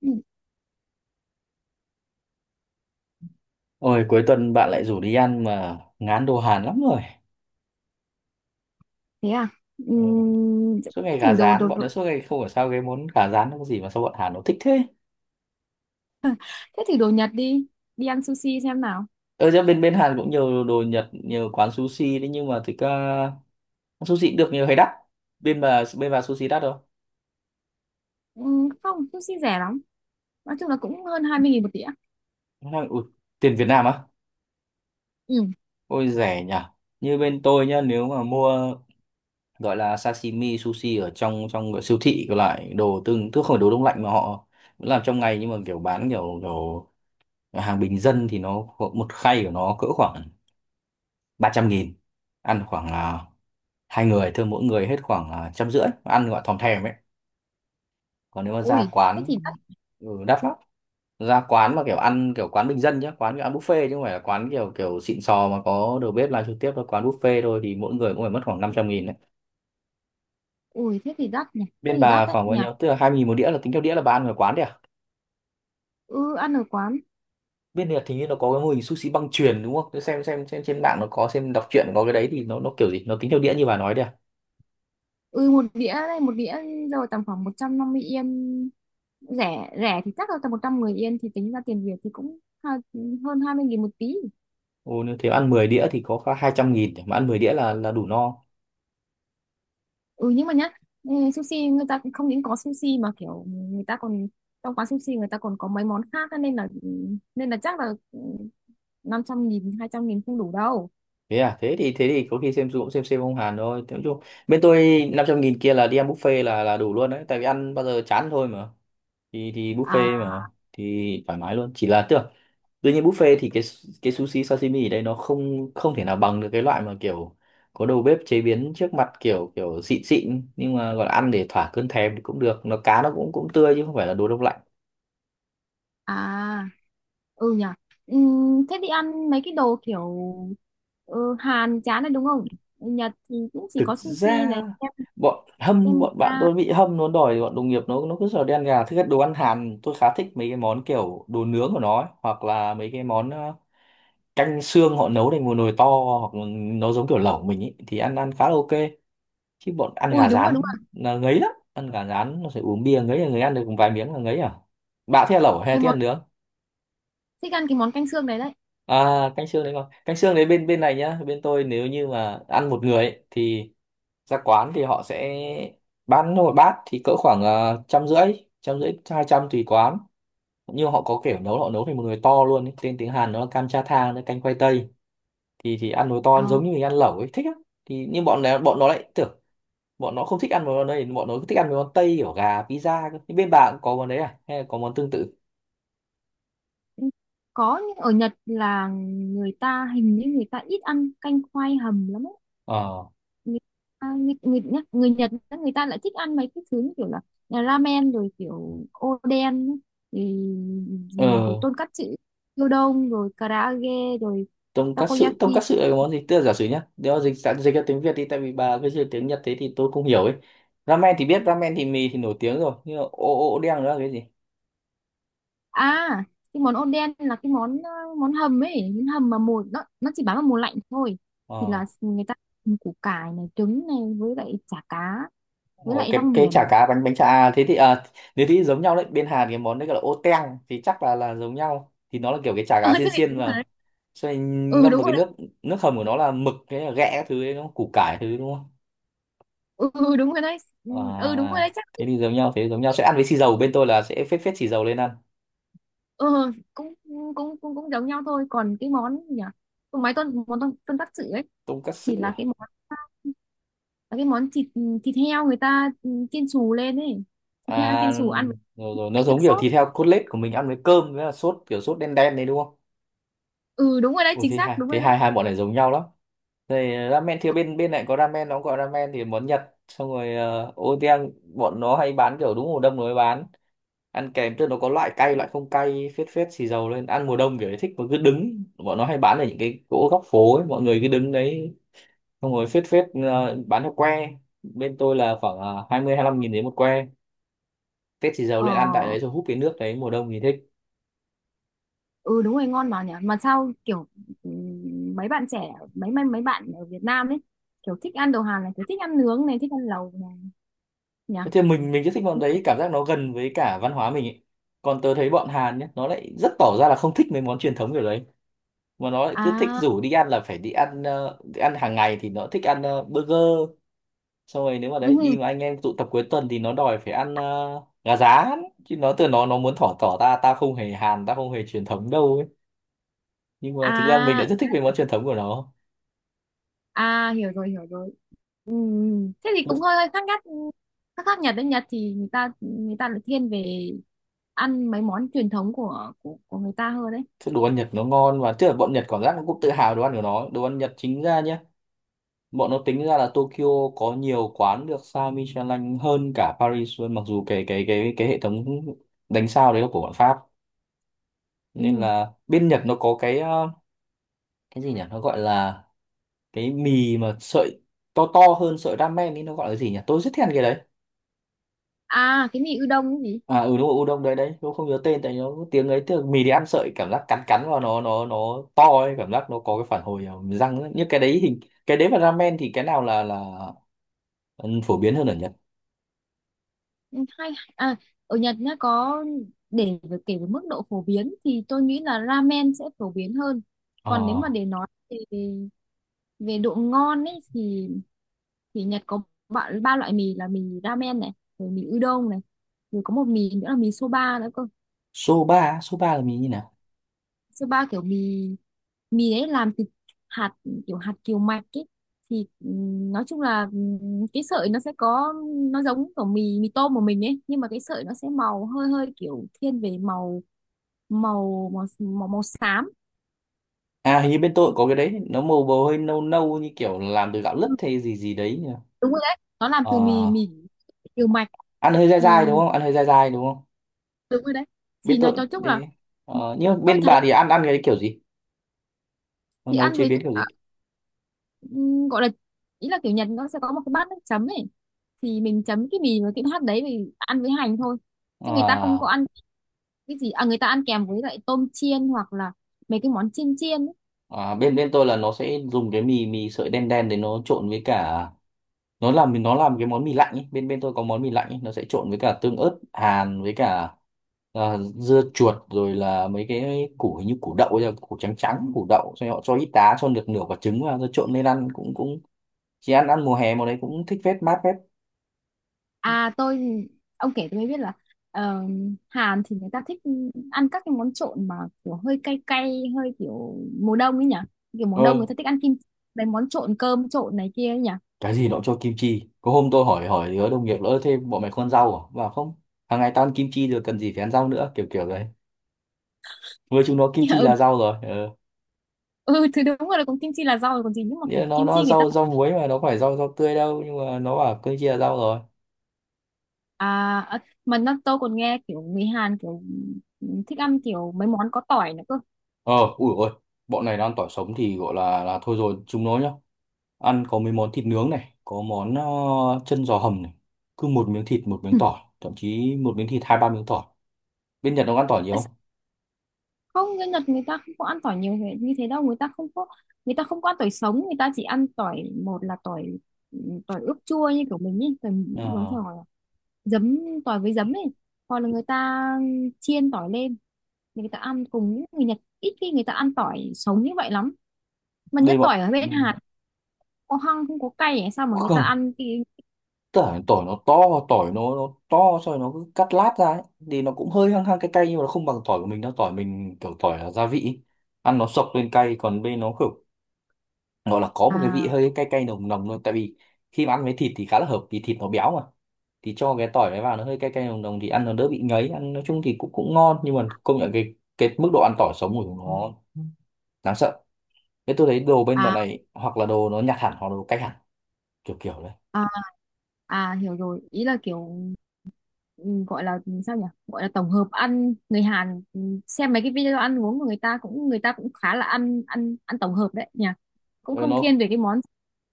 Ừ, Ôi cuối tuần bạn lại rủ đi ăn mà ngán đồ Hàn lắm rồi. thế à. Ừ. Ừm, Suốt ngày gà thử đồ, rán, đồ bọn đồ- nó suốt ngày không hiểu sao cái món gà rán nó có gì mà sao bọn Hàn nó thích thế. Thế thử đồ Nhật đi, đi ăn sushi xem nào. Ở ra bên bên Hàn cũng nhiều đồ Nhật, nhiều quán sushi đấy, nhưng mà thực ra sushi cũng được nhiều hay đắt. Bên bà sushi đắt không? Không, sushi rẻ lắm, nói chung là cũng hơn 20.000 một đĩa. Nó nói, ui, tiền Việt Nam á? Ừ. Ôi rẻ nhỉ. Như bên tôi nhá, nếu mà mua gọi là sashimi sushi ở trong trong siêu thị có lại đồ tương, tức không phải đồ đông lạnh mà họ làm trong ngày, nhưng mà kiểu bán kiểu kiểu hàng bình dân thì nó có một khay của nó cỡ khoảng 300.000, ăn khoảng là hai người thôi, mỗi người hết khoảng là 150.000, ăn gọi thòm thèm ấy. Còn nếu mà ra Ui thế quán, thì đắt. ừ, đắt lắm. Ra quán mà kiểu ăn kiểu quán bình dân nhá, quán kiểu ăn buffet chứ không phải là quán kiểu kiểu xịn sò mà có đầu bếp làm trực tiếp đâu, quán buffet thôi thì mỗi người cũng phải mất khoảng 500.000 đấy. Ui thế thì đắt nhỉ, thế Bên thì đắt bà đấy khoảng bao nhỉ. nhiêu, tức là 2.000 một đĩa, là tính theo đĩa, là bà ăn ở quán đấy à? Ừ, ăn ở quán. Bên Nhật thì như nó có cái mô hình sushi băng chuyền đúng không? Thế xem xem trên mạng nó có, xem đọc truyện có cái đấy, thì nó kiểu gì? Nó tính theo đĩa như bà nói đấy à? Ừ, một đĩa đây, một đĩa rồi tầm khoảng 150 yên, rẻ rẻ thì chắc là tầm 110 yên, thì tính ra tiền Việt thì cũng hơn 20.000 một tí. Ồ, nếu thế ăn 10 đĩa thì có khoảng 200.000, mà ăn 10 đĩa là đủ no. Ừ nhưng mà nhá, ừ, sushi người ta cũng không những có sushi mà kiểu người ta còn, trong quán sushi người ta còn có mấy món khác á, nên là ừ, nên là chắc là ừ, 500.000, 200.000 không đủ đâu. Thế à, thế thì có khi xem cũng xem ông Hàn thôi. Thế nói chung bên tôi 500.000 kia là đi ăn buffet là đủ luôn đấy, tại vì ăn bao giờ chán thôi mà, thì À, buffet mà, thì thoải mái luôn, chỉ là tưởng tuy nhiên buffet thì cái sushi sashimi ở đây nó không không thể nào bằng được cái loại mà kiểu có đầu bếp chế biến trước mặt kiểu kiểu xịn xịn, nhưng mà gọi là ăn để thỏa cơn thèm thì cũng được, nó cá nó cũng cũng tươi chứ không phải là đồ đông lạnh. à, ừ nhỉ. Ừ, thế đi ăn mấy cái đồ kiểu, ừ, Hàn chán này đúng không. Nhật thì cũng chỉ Thực có sushi ra này, bọn bạn tempura. tôi bị hâm, nó đòi, bọn đồng nghiệp nó cứ sợ đen gà. Thứ nhất đồ ăn Hàn tôi khá thích mấy cái món kiểu đồ nướng của nó ấy, hoặc là mấy cái món canh xương họ nấu thành một nồi to, hoặc là nó giống kiểu lẩu mình ấy, thì ăn ăn khá là ok. Chứ bọn ăn Ui gà đúng rồi đúng rán rồi. là ngấy lắm, ăn gà rán nó phải uống bia, ngấy là người, ăn được vài miếng là ngấy à. Bạn thích ăn lẩu hay Cái thích món, ăn nướng? thích ăn cái món canh xương này đấy. À canh xương đấy, con canh xương đấy, bên bên này nhá, bên tôi nếu như mà ăn một người ấy, thì ra quán thì họ sẽ bán một bát thì cỡ khoảng trăm rưỡi, trăm rưỡi hai trăm tùy quán. Nhưng họ có kiểu nấu họ nấu thành một nồi to luôn ấy. Tên tiếng Hàn nó là cam cha thang, nó canh khoai tây, thì ăn nồi Ờ, to giống như mình ăn lẩu ấy, thích á. Thì nhưng bọn này bọn nó lại tưởng bọn nó không thích ăn mấy món này, bọn nó thích ăn mấy món tây kiểu gà pizza cơ. Nhưng bên bạn cũng có món đấy à, hay là có món tương tự? ừ, có nhưng ở Nhật là người ta hình như người ta ít ăn canh khoai hầm lắm. Ờ, Người, à, người, người, nhá- Người Nhật á, người ta lại thích ăn mấy cái thứ như kiểu là ramen, rồi kiểu oden á, thì rồi ừ. tonkatsu, gyudon, rồi karaage, rồi Tonkatsu, takoyaki. tonkatsu là cái món gì, tức là giả sử nhá nếu mà dịch sẵn dịch ra tiếng Việt đi, tại vì bà cứ dịch tiếng Nhật thế thì tôi không hiểu ấy. Ramen thì biết, ramen thì mì thì nổi tiếng rồi, nhưng mà ô, ô đen nữa là cái gì? À cái món oden là cái món món hầm ấy, món hầm mà mùa nó chỉ bán vào mùa lạnh thôi, thì Ờ. là người ta hầm củ cải này, trứng này, với lại chả cá, với Ồ, lại rong cái chả biển. cá, bánh bánh chả à, thế thì à nếu thì giống nhau đấy, bên Hàn cái món đấy gọi là ô teng, thì chắc là giống nhau, thì nó là kiểu cái chả Ừ cá thế xiên thì xiên đúng rồi mà. đấy. Xong Ừ ngâm đúng vào rồi cái nước, nước hầm của nó là mực, cái là ghẹ các thứ ấy, đúng không? Củ cải thứ đúng không? đấy. Ừ đúng rồi đấy. Ừ đúng rồi À đấy chắc. thế thì giống nhau, thế thì giống nhau, sẽ ăn với xì dầu, bên tôi là sẽ phết phết xì dầu lên ăn. Ờ, cũng cũng cũng cũng giống nhau thôi, còn cái món gì nhỉ? Còn mấy món con tắc sự ấy, thì Tonkatsu. là cái món, là cái món thịt, thịt heo người ta chiên xù lên ấy, thịt heo À, chiên xù ăn với rồi, rồi nó lại nước giống kiểu sốt. thịt heo cốt lết của mình, ăn với cơm với là sốt kiểu sốt đen đen đấy đúng không? Ừ đúng rồi đấy Ủa chính thế xác, hai, đúng thế rồi đấy. hai hai bọn này giống nhau lắm. Rồi ramen thì Ừ, bên bên này có ramen, nó cũng gọi ramen, thì món Nhật, xong rồi oden bọn nó hay bán kiểu đúng mùa đông nó mới bán, ăn kèm tức nó có loại cay loại không cay, phết phết xì dầu lên ăn mùa đông kiểu ấy thích. Mà cứ đứng bọn nó hay bán ở những cái chỗ góc phố ấy, mọi người cứ đứng đấy, xong rồi phết phết bán theo que. Bên tôi là khoảng 20-25 nghìn đến một que, phết xì dầu ờ, lên ăn tại đấy rồi húp cái nước đấy, mùa đông thì thích. ừ đúng rồi ngon mà nhỉ, mà sao kiểu, ừ, mấy bạn trẻ, mấy mấy mấy bạn ở Việt Nam ấy kiểu thích ăn đồ Hàn này, kiểu thích ăn nướng này, thích ăn lẩu này nhỉ. Thế thì mình rất thích bọn đấy, cảm giác nó gần với cả văn hóa mình ấy. Còn tớ thấy bọn Hàn nhé, nó lại rất tỏ ra là không thích mấy món truyền thống kiểu đấy, mà nó lại cứ thích À, rủ đi ăn là phải đi ăn, đi ăn hàng ngày thì nó thích ăn burger. Xong rồi nếu mà đấy đi ừ, mà anh em tụ tập cuối tuần thì nó đòi phải ăn gà rán, chứ nó từ nó muốn thỏ tỏ ta ta không hề Hàn, ta không hề truyền thống đâu ấy. Nhưng mà thực ra mình đã à, rất thích mấy món truyền thống của nó. à hiểu rồi hiểu rồi. Ừ. Thế thì cũng hơi hơi khác nhất, khác, Nhật đấy. Nhật thì người ta, lại thiên về ăn mấy món truyền thống của của người ta hơn đấy. Đồ ăn Nhật nó ngon, và tức là bọn Nhật cảm giác nó cũng tự hào đồ ăn của nó. Đồ ăn Nhật chính ra nhá, bọn nó tính ra là Tokyo có nhiều quán được sao Michelin hơn cả Paris luôn, mặc dù cái cái hệ thống đánh sao đấy là của bọn Pháp. Nên Ừ. là bên Nhật nó có cái cái gì nhỉ, nó gọi là cái mì mà sợi to, to hơn sợi ramen ấy, nó gọi là gì nhỉ, tôi rất thèm cái đấy. À cái mì udon cái gì. À ừ đúng rồi, udon đấy đấy, tôi không nhớ tên tại nó tiếng ấy, tức là mì đi ăn sợi cảm giác cắn cắn vào nó nó to ấy, cảm giác nó có cái phản hồi ở răng ấy. Như cái đấy hình cái đấy và ramen thì cái nào là ừ, phổ biến hơn ở Nhật? Ừ, hay, à, ở Nhật nhá, có kể về mức độ phổ biến thì tôi nghĩ là ramen sẽ phổ biến hơn, Ờ. còn nếu mà để nói về về độ ngon ấy thì Nhật có ba, loại mì là mì ramen này, rồi mì udon này, rồi có một mì nữa là mì soba nữa cơ. Số ba á, số ba là mình như nào? Soba kiểu mì, đấy làm từ hạt, kiểu hạt kiều mạch ấy, thì nói chung là cái sợi nó sẽ có, nó giống kiểu mì mì tôm của mình ấy, nhưng mà cái sợi nó sẽ màu hơi hơi kiểu thiên về màu, màu xám. À hình như bên tôi cũng có cái đấy, nó màu bầu hơi nâu nâu như kiểu làm từ gạo Ừ, lứt hay gì gì đấy nhỉ? đúng rồi đấy nó làm Ờ, từ mì mì kiều mạch. ăn hơi dai dai đúng Thì không? Ăn hơi dai dai đúng không? đúng rồi đấy, Bên thì nói tôi cho chung là đấy. Ờ, nhưng mà tôi bên thấy, bà thì ăn ăn cái kiểu gì? Nó thì nấu ăn chế với biến kiểu gì? Gọi là ý là kiểu Nhật nó sẽ có một cái bát nước chấm ấy, thì mình chấm cái mì với cái hạt đấy thì ăn với hành thôi, chứ người ta không có À, ăn cái gì, à người ta ăn kèm với lại tôm chiên hoặc là mấy cái món chiên chiên ấy. à, bên bên tôi là nó sẽ dùng cái mì, mì sợi đen đen để nó trộn với cả, nó làm, nó làm cái món mì lạnh ấy. Bên bên tôi có món mì lạnh ấy. Nó sẽ trộn với cả tương ớt hàn với cả, à, dưa chuột, rồi là mấy cái củ hình như củ đậu ấy, củ trắng trắng củ đậu, xong rồi họ cho ít đá, cho được nửa quả trứng vào rồi trộn lên ăn cũng cũng chỉ ăn ăn mùa hè, mùa đấy cũng thích, phết mát phết. À tôi, ông kể tôi mới biết là, ờ, Hàn thì người ta thích ăn các cái món trộn mà kiểu hơi cay cay hơi kiểu mùa đông ấy nhỉ, kiểu mùa đông Ờ người ta thích ăn mấy món trộn cơm trộn này kia ấy nhỉ. cái gì nó cũng cho kim chi, có hôm tôi hỏi hỏi đứa đồng nghiệp nữa thêm, bọn mày không ăn rau à, bảo không, hàng ngày tao ăn kim chi rồi cần gì phải ăn rau nữa kiểu kiểu đấy, với chúng nó kim chi Ừ, là rau rồi. Ờ ừ thì đúng rồi là cũng kim chi là rau rồi còn gì, nhưng mà nghĩa là kiểu nó kim nó chi người ta, rau, rau muối mà nó phải rau, rau tươi đâu, nhưng mà nó bảo kim chi là rau rồi. à ờ, mà nó tôi còn nghe kiểu người Hàn kiểu thích ăn kiểu mấy món có tỏi nữa cơ. Ờ, ui ôi, bọn này đang tỏi sống thì gọi là thôi rồi, chúng nó nhá. Ăn có mấy món thịt nướng này, có món chân giò hầm này. Cứ một miếng thịt, một miếng tỏi, thậm chí một miếng thịt 2-3 miếng tỏi. Bên Nhật nó ăn tỏi nhiều không? Không, người Nhật người ta không có ăn tỏi nhiều như thế đâu, người ta không có, người ta không có ăn tỏi sống, người ta chỉ ăn tỏi, một là tỏi, tỏi ướp chua như kiểu mình ấy, tỏi giống Ờ, tỏi giấm, tỏi với giấm ấy, hoặc là người ta chiên tỏi lên thì người ta ăn cùng. Những người Nhật ít khi người ta ăn tỏi sống như vậy lắm, mà đây nhất bọn, tỏi ở ừ, bên Hàn có hăng không, có cay ấy, sao mà người ta không, ăn cái, tỏi tỏi nó to, tỏi nó to, xong rồi nó cứ cắt lát ra ấy. Thì nó cũng hơi hăng hăng cay cay, nhưng mà nó không bằng tỏi của mình đâu, tỏi mình kiểu tỏi là gia vị. Ăn nó sộc lên cay, còn bên nó kiểu gọi là có một cái vị à, hơi cay cay nồng nồng luôn. Tại vì khi mà ăn với thịt thì khá là hợp, vì thịt nó béo mà, thì cho cái tỏi đấy vào nó hơi cay cay nồng nồng thì ăn nó đỡ bị ngấy, ăn nói chung thì cũng cũng ngon. Nhưng mà công nhận cái mức độ ăn tỏi sống của chúng nó đáng sợ. Thế tôi thấy đồ bên bọn à, này hoặc là đồ nó nhặt hẳn hoặc là đồ cách hẳn kiểu kiểu đấy. à hiểu rồi, ý là kiểu, ừ, gọi là sao nhỉ, gọi là tổng hợp ăn, người Hàn ừ, xem mấy cái video ăn uống của người ta cũng, người ta cũng khá là ăn, ăn ăn tổng hợp đấy nhỉ, cũng Ờ, không thiên về cái món.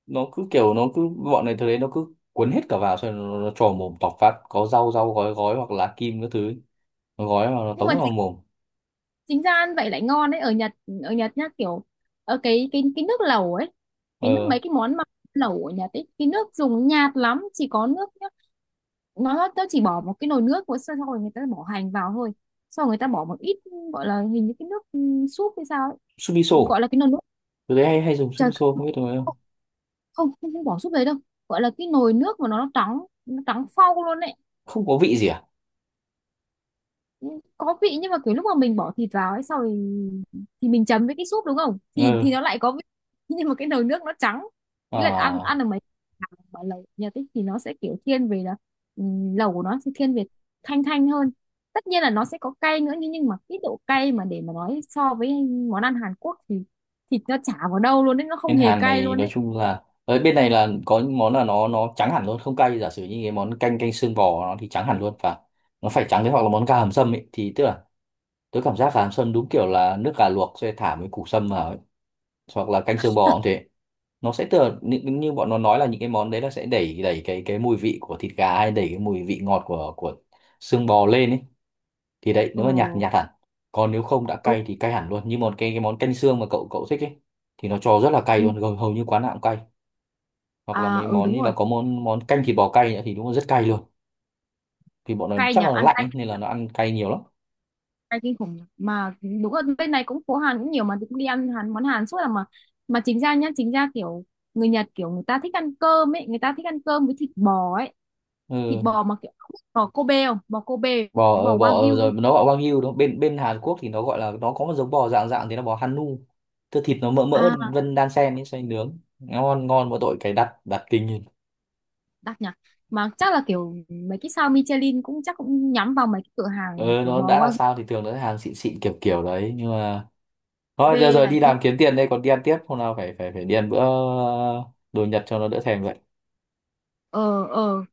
nó cứ kiểu nó cứ, bọn này tôi thấy nó cứ cuốn hết cả vào, xong rồi nó trò mồm tọc phát, có rau, rau gói gói hoặc là lá kim các thứ ấy, nó gói vào nó nhưng mà tống vào chính, mồm. Chính ra ăn vậy lại ngon đấy, ở Nhật, ở Nhật nhá kiểu, ở cái nước lẩu ấy, cái nước Ờ mấy cái món mà lẩu ở Nhật ấy, cái nước dùng nhạt lắm, chỉ có nước nhá. Nó chỉ bỏ một cái nồi nước của, xong rồi người ta bỏ hành vào thôi, sau rồi người ta bỏ một ít, gọi là hình như cái nước, ừ, súp hay sao ấy. Gọi sumiso, là cái nồi nước, tôi thấy hay hay dùng trời, sumiso không biết được không? không, không bỏ súp đấy đâu, gọi là cái nồi nước mà nó trắng, nó trắng phau luôn đấy. Không có vị gì à? Có vị nhưng mà kiểu lúc mà mình bỏ thịt vào ấy sau thì mình chấm với cái súp đúng không thì Ừ. nó lại có vị. Nhưng mà cái nồi nước nó trắng, ý là ăn, À, được mấy hàng mà lẩu nhà tích thì nó sẽ kiểu thiên về là lẩu của nó sẽ thiên về thanh thanh hơn. Tất nhiên là nó sẽ có cay nữa, nhưng mà cái độ cay mà để mà nói so với món ăn Hàn Quốc thì thịt nó chả vào đâu luôn đấy, nó không bên hề Hàn cay này luôn nói đấy. chung là ở bên này là có những món là nó trắng hẳn luôn không cay, giả sử như cái món canh, canh xương bò nó thì trắng hẳn luôn và nó phải trắng thế, hoặc là món gà hầm sâm ấy, thì tức là tôi cảm giác gà hầm sâm đúng kiểu là nước gà luộc sẽ thả mấy củ sâm vào ấy. Hoặc là canh xương bò cũng thế, nó sẽ tựa như, như bọn nó nói là những cái món đấy là sẽ đẩy đẩy cái mùi vị của thịt gà hay đẩy cái mùi vị ngọt của xương bò lên ấy. Thì đấy Ừ, nếu mà nhạt thì nhạt hẳn, còn nếu không đã ừ, cay thì cay hẳn luôn như một cái món canh xương mà cậu cậu thích ấy, thì nó cho rất là cay ừ. luôn, gần hầu như quán nào cũng cay. Hoặc là À mấy ừ món như đúng là rồi. có món món canh thịt bò cay nữa thì đúng là rất cay luôn. Thì bọn nó Cay chắc nhỉ, là nó ăn lạnh cay ấy, nên nhỉ? là nó ăn cay nhiều lắm. Cay kinh khủng nhỉ? Mà đúng là bên này cũng phố Hàn cũng nhiều mà, cũng đi ăn Hàn món Hàn suốt là mà chính ra nhá, chính ra kiểu người Nhật kiểu người ta thích ăn cơm ấy, người ta thích ăn cơm với thịt bò ấy, thịt Ừ. bò mà kiểu không biết bò Kobe không, bò Kobe, Bò bò bò Wagyu rồi không? nó gọi wagyu đúng không? Bên bên Hàn Quốc thì nó gọi là, nó có một giống bò dạng dạng thế là bò Hanu. Tức thịt nó mỡ mỡ À, vân đan sen ấy, xoay nướng ngon ngon, mỗi tội cái đặt đặt kinh lên. đắt nhỉ. Mà chắc là kiểu mấy cái sao Michelin cũng chắc cũng nhắm vào mấy cái cửa hàng mà Ờ kiểu nó bò đã là Wagyu, sao thì thường nó sẽ hàng xịn xịn kiểu kiểu đấy. Nhưng mà thôi giờ, Kobe giờ này đi kia. làm kiếm tiền đây, còn đi ăn tiếp hôm nào phải phải phải đi ăn bữa đồ Nhật cho nó đỡ thèm vậy. Ờ ờ.